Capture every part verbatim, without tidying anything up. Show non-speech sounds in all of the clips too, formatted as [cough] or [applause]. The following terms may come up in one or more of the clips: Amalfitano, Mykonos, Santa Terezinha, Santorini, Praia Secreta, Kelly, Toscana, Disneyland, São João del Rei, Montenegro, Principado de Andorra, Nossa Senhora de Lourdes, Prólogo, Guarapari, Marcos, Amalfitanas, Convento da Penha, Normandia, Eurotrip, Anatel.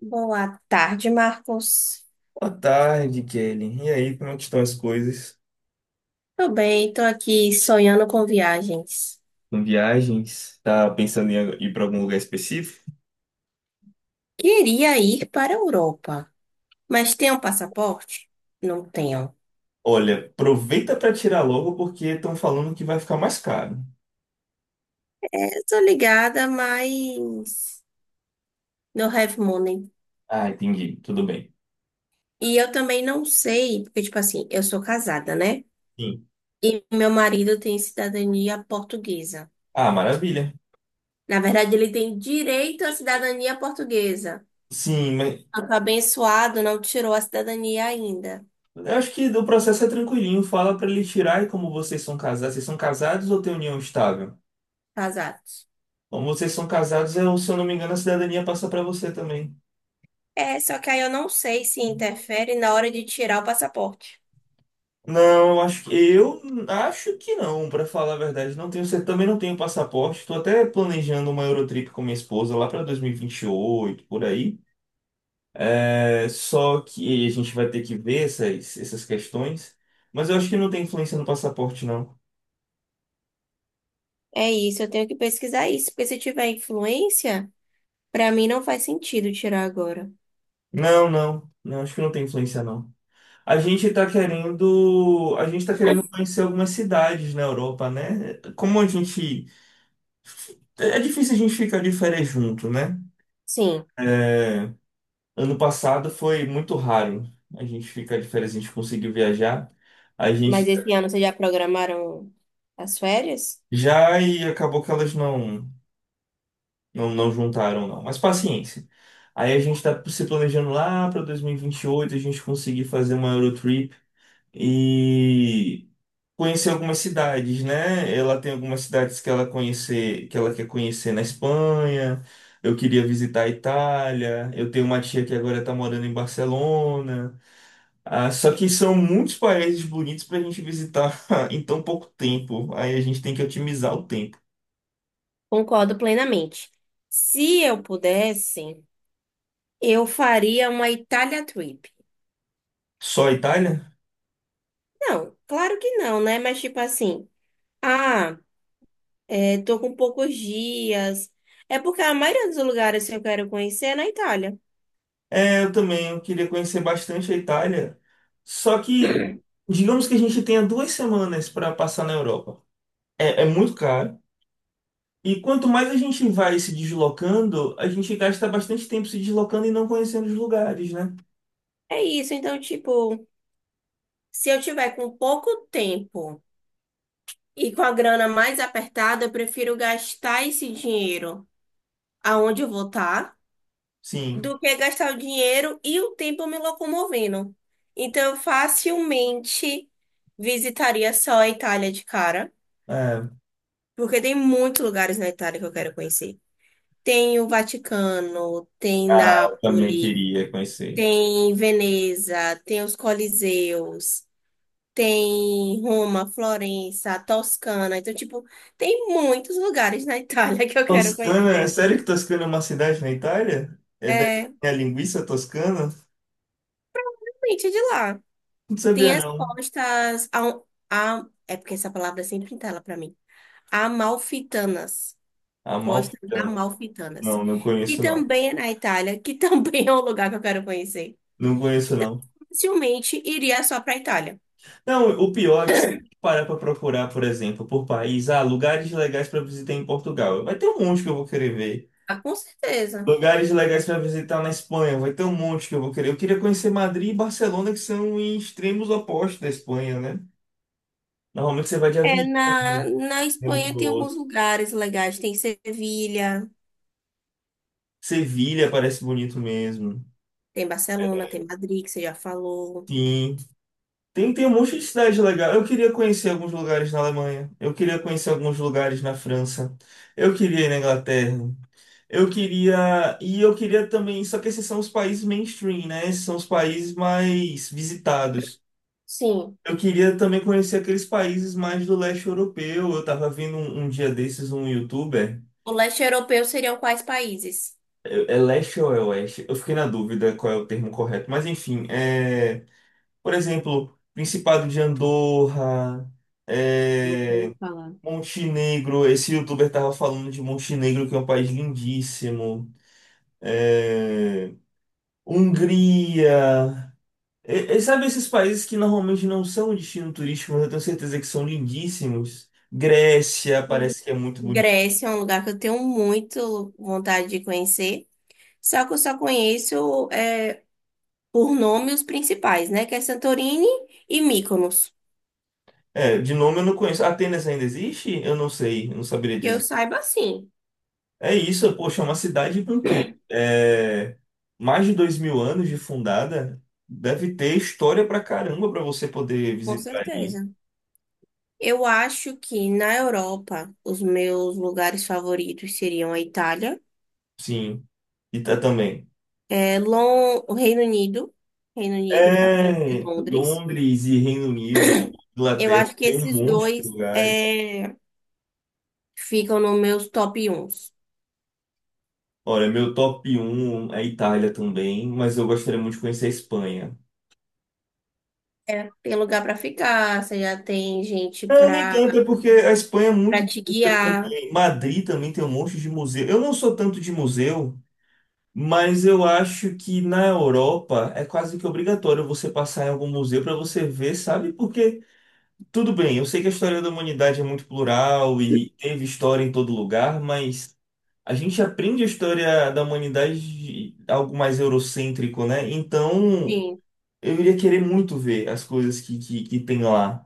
Boa tarde, Marcos. Boa tarde, Kelly. E aí, como é que estão as coisas? Tô bem, tô aqui sonhando com viagens. Com viagens? Tá pensando em ir para algum lugar específico? Queria ir para a Europa, mas tem um passaporte? Não tenho. Olha, aproveita para tirar logo porque estão falando que vai ficar mais caro. Eu tô ligada, mas no have money. Ah, entendi. Tudo bem. E eu também não sei, porque, tipo assim, eu sou casada, né? Sim. E meu marido tem cidadania portuguesa. Ah, maravilha. Na verdade, ele tem direito à cidadania portuguesa. Sim, mas Eu tô abençoado, não tirou a cidadania ainda. eu acho que o processo é tranquilinho. Fala para ele tirar e como vocês são casados. Vocês são casados ou têm união estável? Casado. Como vocês são casados, eu, se eu não me engano, a cidadania passa para você também. É, só que aí eu não sei se interfere na hora de tirar o passaporte. Não, acho que eu acho que não, pra falar a verdade. Não tenho, cer- também não tenho passaporte. Estou até planejando uma Eurotrip com minha esposa lá para dois mil e e vinte e oito por aí. É, só que a gente vai ter que ver essas, essas questões. Mas eu acho que não tem influência no passaporte, não. É isso, eu tenho que pesquisar isso, porque se tiver influência, pra mim não faz sentido tirar agora. Não, não. Não, acho que não tem influência, não. A gente tá querendo, a gente tá querendo conhecer algumas cidades na Europa, né? Como a gente, é difícil a gente ficar de férias junto, né? Sim, É. Ano passado foi muito raro a gente ficar de férias, a gente conseguiu viajar. A mas gente esse ano vocês já programaram as férias? já e acabou que elas não, não, não juntaram, não. Mas paciência. Aí a gente tá se planejando lá para dois mil e vinte e oito a gente conseguir fazer uma Eurotrip e conhecer algumas cidades, né? Ela tem algumas cidades que ela conhecer, que ela quer conhecer na Espanha. Eu queria visitar a Itália. Eu tenho uma tia que agora tá morando em Barcelona. Ah, só que são muitos países bonitos para a gente visitar [laughs] em tão pouco tempo. Aí a gente tem que otimizar o tempo. Concordo plenamente. Se eu pudesse, eu faria uma Itália trip. Só a Itália? Não, claro que não, né? Mas tipo assim, ah, é, tô com poucos dias. É porque a maioria dos lugares que eu quero conhecer é na Itália. É, eu também. Eu queria conhecer bastante a Itália. Só que, digamos que a gente tenha duas semanas para passar na Europa. É, é muito caro. E quanto mais a gente vai se deslocando, a gente gasta bastante tempo se deslocando e não conhecendo os lugares, né? É isso, então, tipo, se eu tiver com pouco tempo e com a grana mais apertada, eu prefiro gastar esse dinheiro aonde eu vou estar Sim. do que gastar o dinheiro e o tempo me locomovendo. Então, eu facilmente visitaria só a Itália de cara, É. porque tem muitos lugares na Itália que eu quero conhecer. Tem o Vaticano, tem Ah, eu também Nápoles, queria conhecer. tem Veneza, tem os Coliseus. Tem Roma, Florença, Toscana. Então, tipo, tem muitos lugares na [laughs] Itália que eu quero Toscana, é conhecer. sério que Toscana é uma cidade na Itália? É daí que É, tem a linguiça toscana? realmente é de lá. Não sabia Tem as não. costas. A, um, a- é porque essa palavra sempre entala pra mim. Amalfitanas. Costas Amalfitano. Amalfitanas. Não, não Que conheço não. também é na Itália, que também [laughs] é um lugar que eu quero conhecer. Não conheço não. Facilmente iria só pra Itália. Não, o pior é que se parar para procurar, por exemplo, por país, ah, lugares legais para visitar em Portugal, vai ter um monte que eu vou querer ver. Ah, com certeza. Lugares legais para visitar na Espanha, vai ter um monte que eu vou querer. Eu queria conhecer Madrid e Barcelona, que são em extremos opostos da Espanha, né? Normalmente você vai de É, avião na, na de um para Espanha o tem alguns outro. lugares legais. Tem Sevilha. Sevilha parece bonito mesmo. Tem Barcelona, tem Madrid, que você já falou. Sim. Tem, tem um monte de cidade legal. Eu queria conhecer alguns lugares na Alemanha. Eu queria conhecer alguns lugares na França. Eu queria ir na Inglaterra. Eu queria. E eu queria também. Só que esses são os países mainstream, né? Esses são os países mais visitados. Sim. Eu queria também conhecer aqueles países mais do leste europeu. Eu tava vendo um, um dia desses um youtuber. O leste europeu seriam quais países? É é leste ou é oeste? Eu fiquei na dúvida qual é o termo correto. Mas enfim, é, por exemplo, Principado de Andorra. Não vou É, falar. Montenegro, esse youtuber tava falando de Montenegro, que é um país lindíssimo. É, Hungria. E- e sabe esses países que normalmente não são destino turístico, mas eu tenho certeza que são lindíssimos? Grécia Hum. parece que é muito bonito. Grécia é um lugar que eu tenho muito vontade de conhecer. Só que eu só conheço é, por nome os principais, né? Que é Santorini e Mykonos. É, de nome eu não conheço. Atenas ainda existe? Eu não sei, eu não saberia Que eu dizer. saiba, sim, É isso, poxa, é uma cidade com o quê? É, mais de dois mil anos de fundada. Deve ter história pra caramba pra você poder com visitar ali. certeza. Eu acho que na Europa os meus lugares favoritos seriam a Itália, Sim, e tá também. é, Lon- o Reino Unido, Reino Unido para conhecer É, Londres. Londres e Reino Unido, Eu Inglaterra, acho que tem um esses monte de dois lugares. é, ficam nos meus top um. Olha, meu top um é a Itália também, mas eu gostaria muito de conhecer a Espanha. É, tem lugar pra ficar, você já tem gente Não, nem pra tanto, é porque a Espanha é muito para te bonita guiar. também. Madrid também tem um monte de museu. Eu não sou tanto de museu, mas eu acho que na Europa é quase que obrigatório você passar em algum museu para você ver, sabe? Porque tudo bem, eu sei que a história da humanidade é muito plural e teve história em todo lugar, mas a gente aprende a história da humanidade de algo mais eurocêntrico, né? Então, Sim. eu iria querer muito ver as coisas que, que, que tem lá.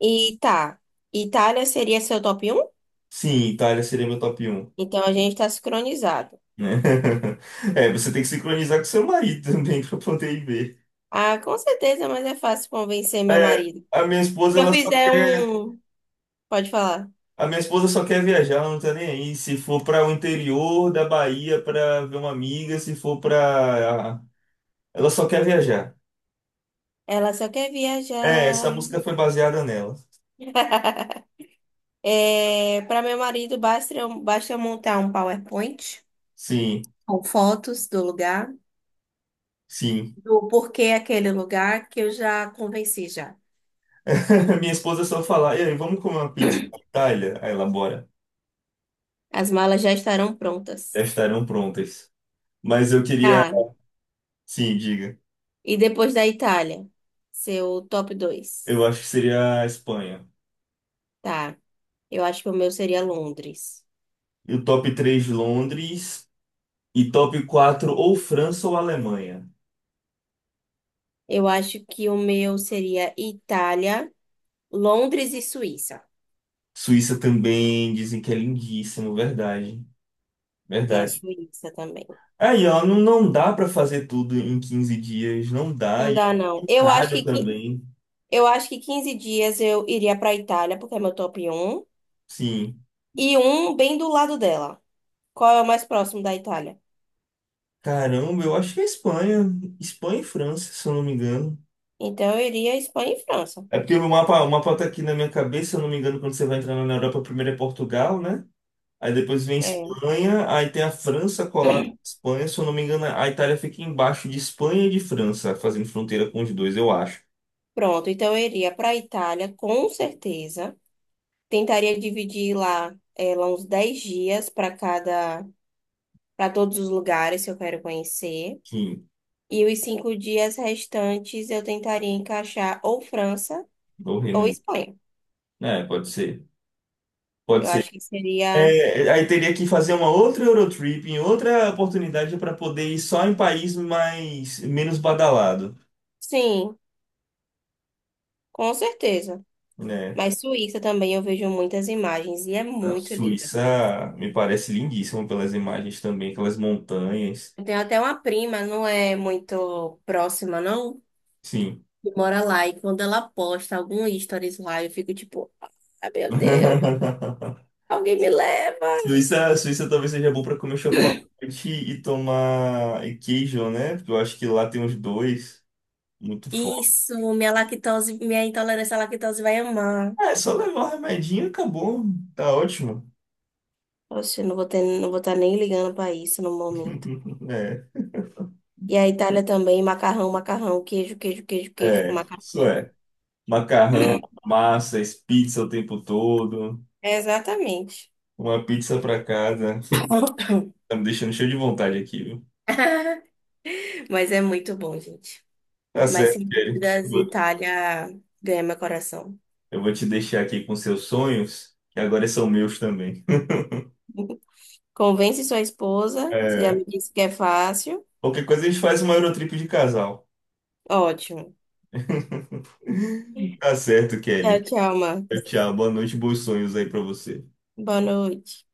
E tá. Itália seria seu top um? Sim, Itália seria meu top um, Então a gente tá sincronizado. né? [laughs] É, você tem que sincronizar com seu marido também [laughs] para poder ir ver. Ah, com certeza, mas é fácil convencer meu É, marido. a minha esposa, Se eu ela só fizer quer, um. Pode falar. a minha esposa só quer viajar, ela não tá nem aí. Se for para o interior da Bahia para ver uma amiga, se for para ela só quer viajar. Ela só quer É, viajar. essa música foi baseada nela. É, para meu marido, basta, eu- basta eu montar um PowerPoint Sim, com fotos do lugar, sim. do porquê aquele lugar que eu já convenci já. [laughs] Minha esposa só fala, e aí, vamos comer uma pizza na Itália? Aí ela, bora. As malas já estarão Já prontas. estarão prontas. Mas eu queria, Tá. sim, diga. E depois da Itália, seu top dois, Eu acho que seria a Espanha. tá. Eu acho que o meu seria Londres. E o top três Londres. E top quatro ou França ou Alemanha. Eu acho que o meu seria Itália, Londres e Suíça. Suíça também, dizem que é lindíssimo, verdade. Tem a Verdade. Suíça também. Aí, ó, não, não dá pra fazer tudo em quinze dias, não dá. Não E é dá, não. muito Eu acho caro que, qui- também. eu acho que quinze dias eu iria para Itália, porque é meu top um Sim. e um bem do lado dela. Qual é o mais próximo da Itália? Caramba, eu acho que é Espanha. Espanha e França, se eu não me engano. Então eu iria Espanha e França. É porque o mapa, o mapa tá aqui na minha cabeça, se eu não me engano, quando você vai entrando na Europa, primeiro é Portugal, né? Aí depois vem É. Espanha, aí tem a França colada com a Espanha, se eu não me engano, a Itália fica embaixo de Espanha e de França, fazendo fronteira com os dois, eu acho. Pronto, então eu iria para a Itália, com certeza. Tentaria dividir lá, eh, lá uns dez dias para cada, para todos os lugares que eu quero conhecer. Sim, E os cinco dias restantes eu tentaria encaixar ou França ou Reino ou Unido. Espanha. É, pode ser. Pode Eu acho ser. que seria, É, aí teria que fazer uma outra Eurotrip, em outra oportunidade para poder ir só em país mais menos badalado, sim, com certeza. né? Mas Suíça também eu vejo muitas imagens e é Não, muito linda a Suíça. Suíça me parece lindíssimo pelas imagens também, aquelas montanhas. Eu tenho até uma prima, não é muito próxima, não, Sim. que mora lá. E quando ela posta algum stories lá, eu fico tipo, ah, meu Deus, [laughs] alguém me leva. Suíça, Suíça talvez seja bom para comer chocolate e tomar e queijo, né? Porque eu acho que lá tem os dois muito forte. Isso, minha lactose, minha intolerância à lactose vai amar. É, só levar o remedinho e acabou. Tá ótimo. Oxe, eu não vou ter, não vou estar nem ligando pra isso no momento. [laughs] É, E a Itália também, macarrão, macarrão, queijo, queijo, queijo, queijo com é, isso macarrão. é. Macarrão, massas, pizza o tempo todo. É, exatamente. Uma pizza para casa. [coughs] Tá me deixando cheio de vontade aqui, viu? Mas é muito bom, gente. Tá Mas certo, sem Kelly. dúvidas, Itália ganha meu coração. Eu vou te deixar aqui com seus sonhos, que agora são meus também. Convence sua esposa, você já É, me disse que é fácil. qualquer coisa a gente faz uma Eurotrip de casal. Ótimo. [laughs] Tá certo, Tchau, Kelly. tchau, Tchau, Marcos. tchau. Boa noite, bons sonhos aí pra você. Boa noite.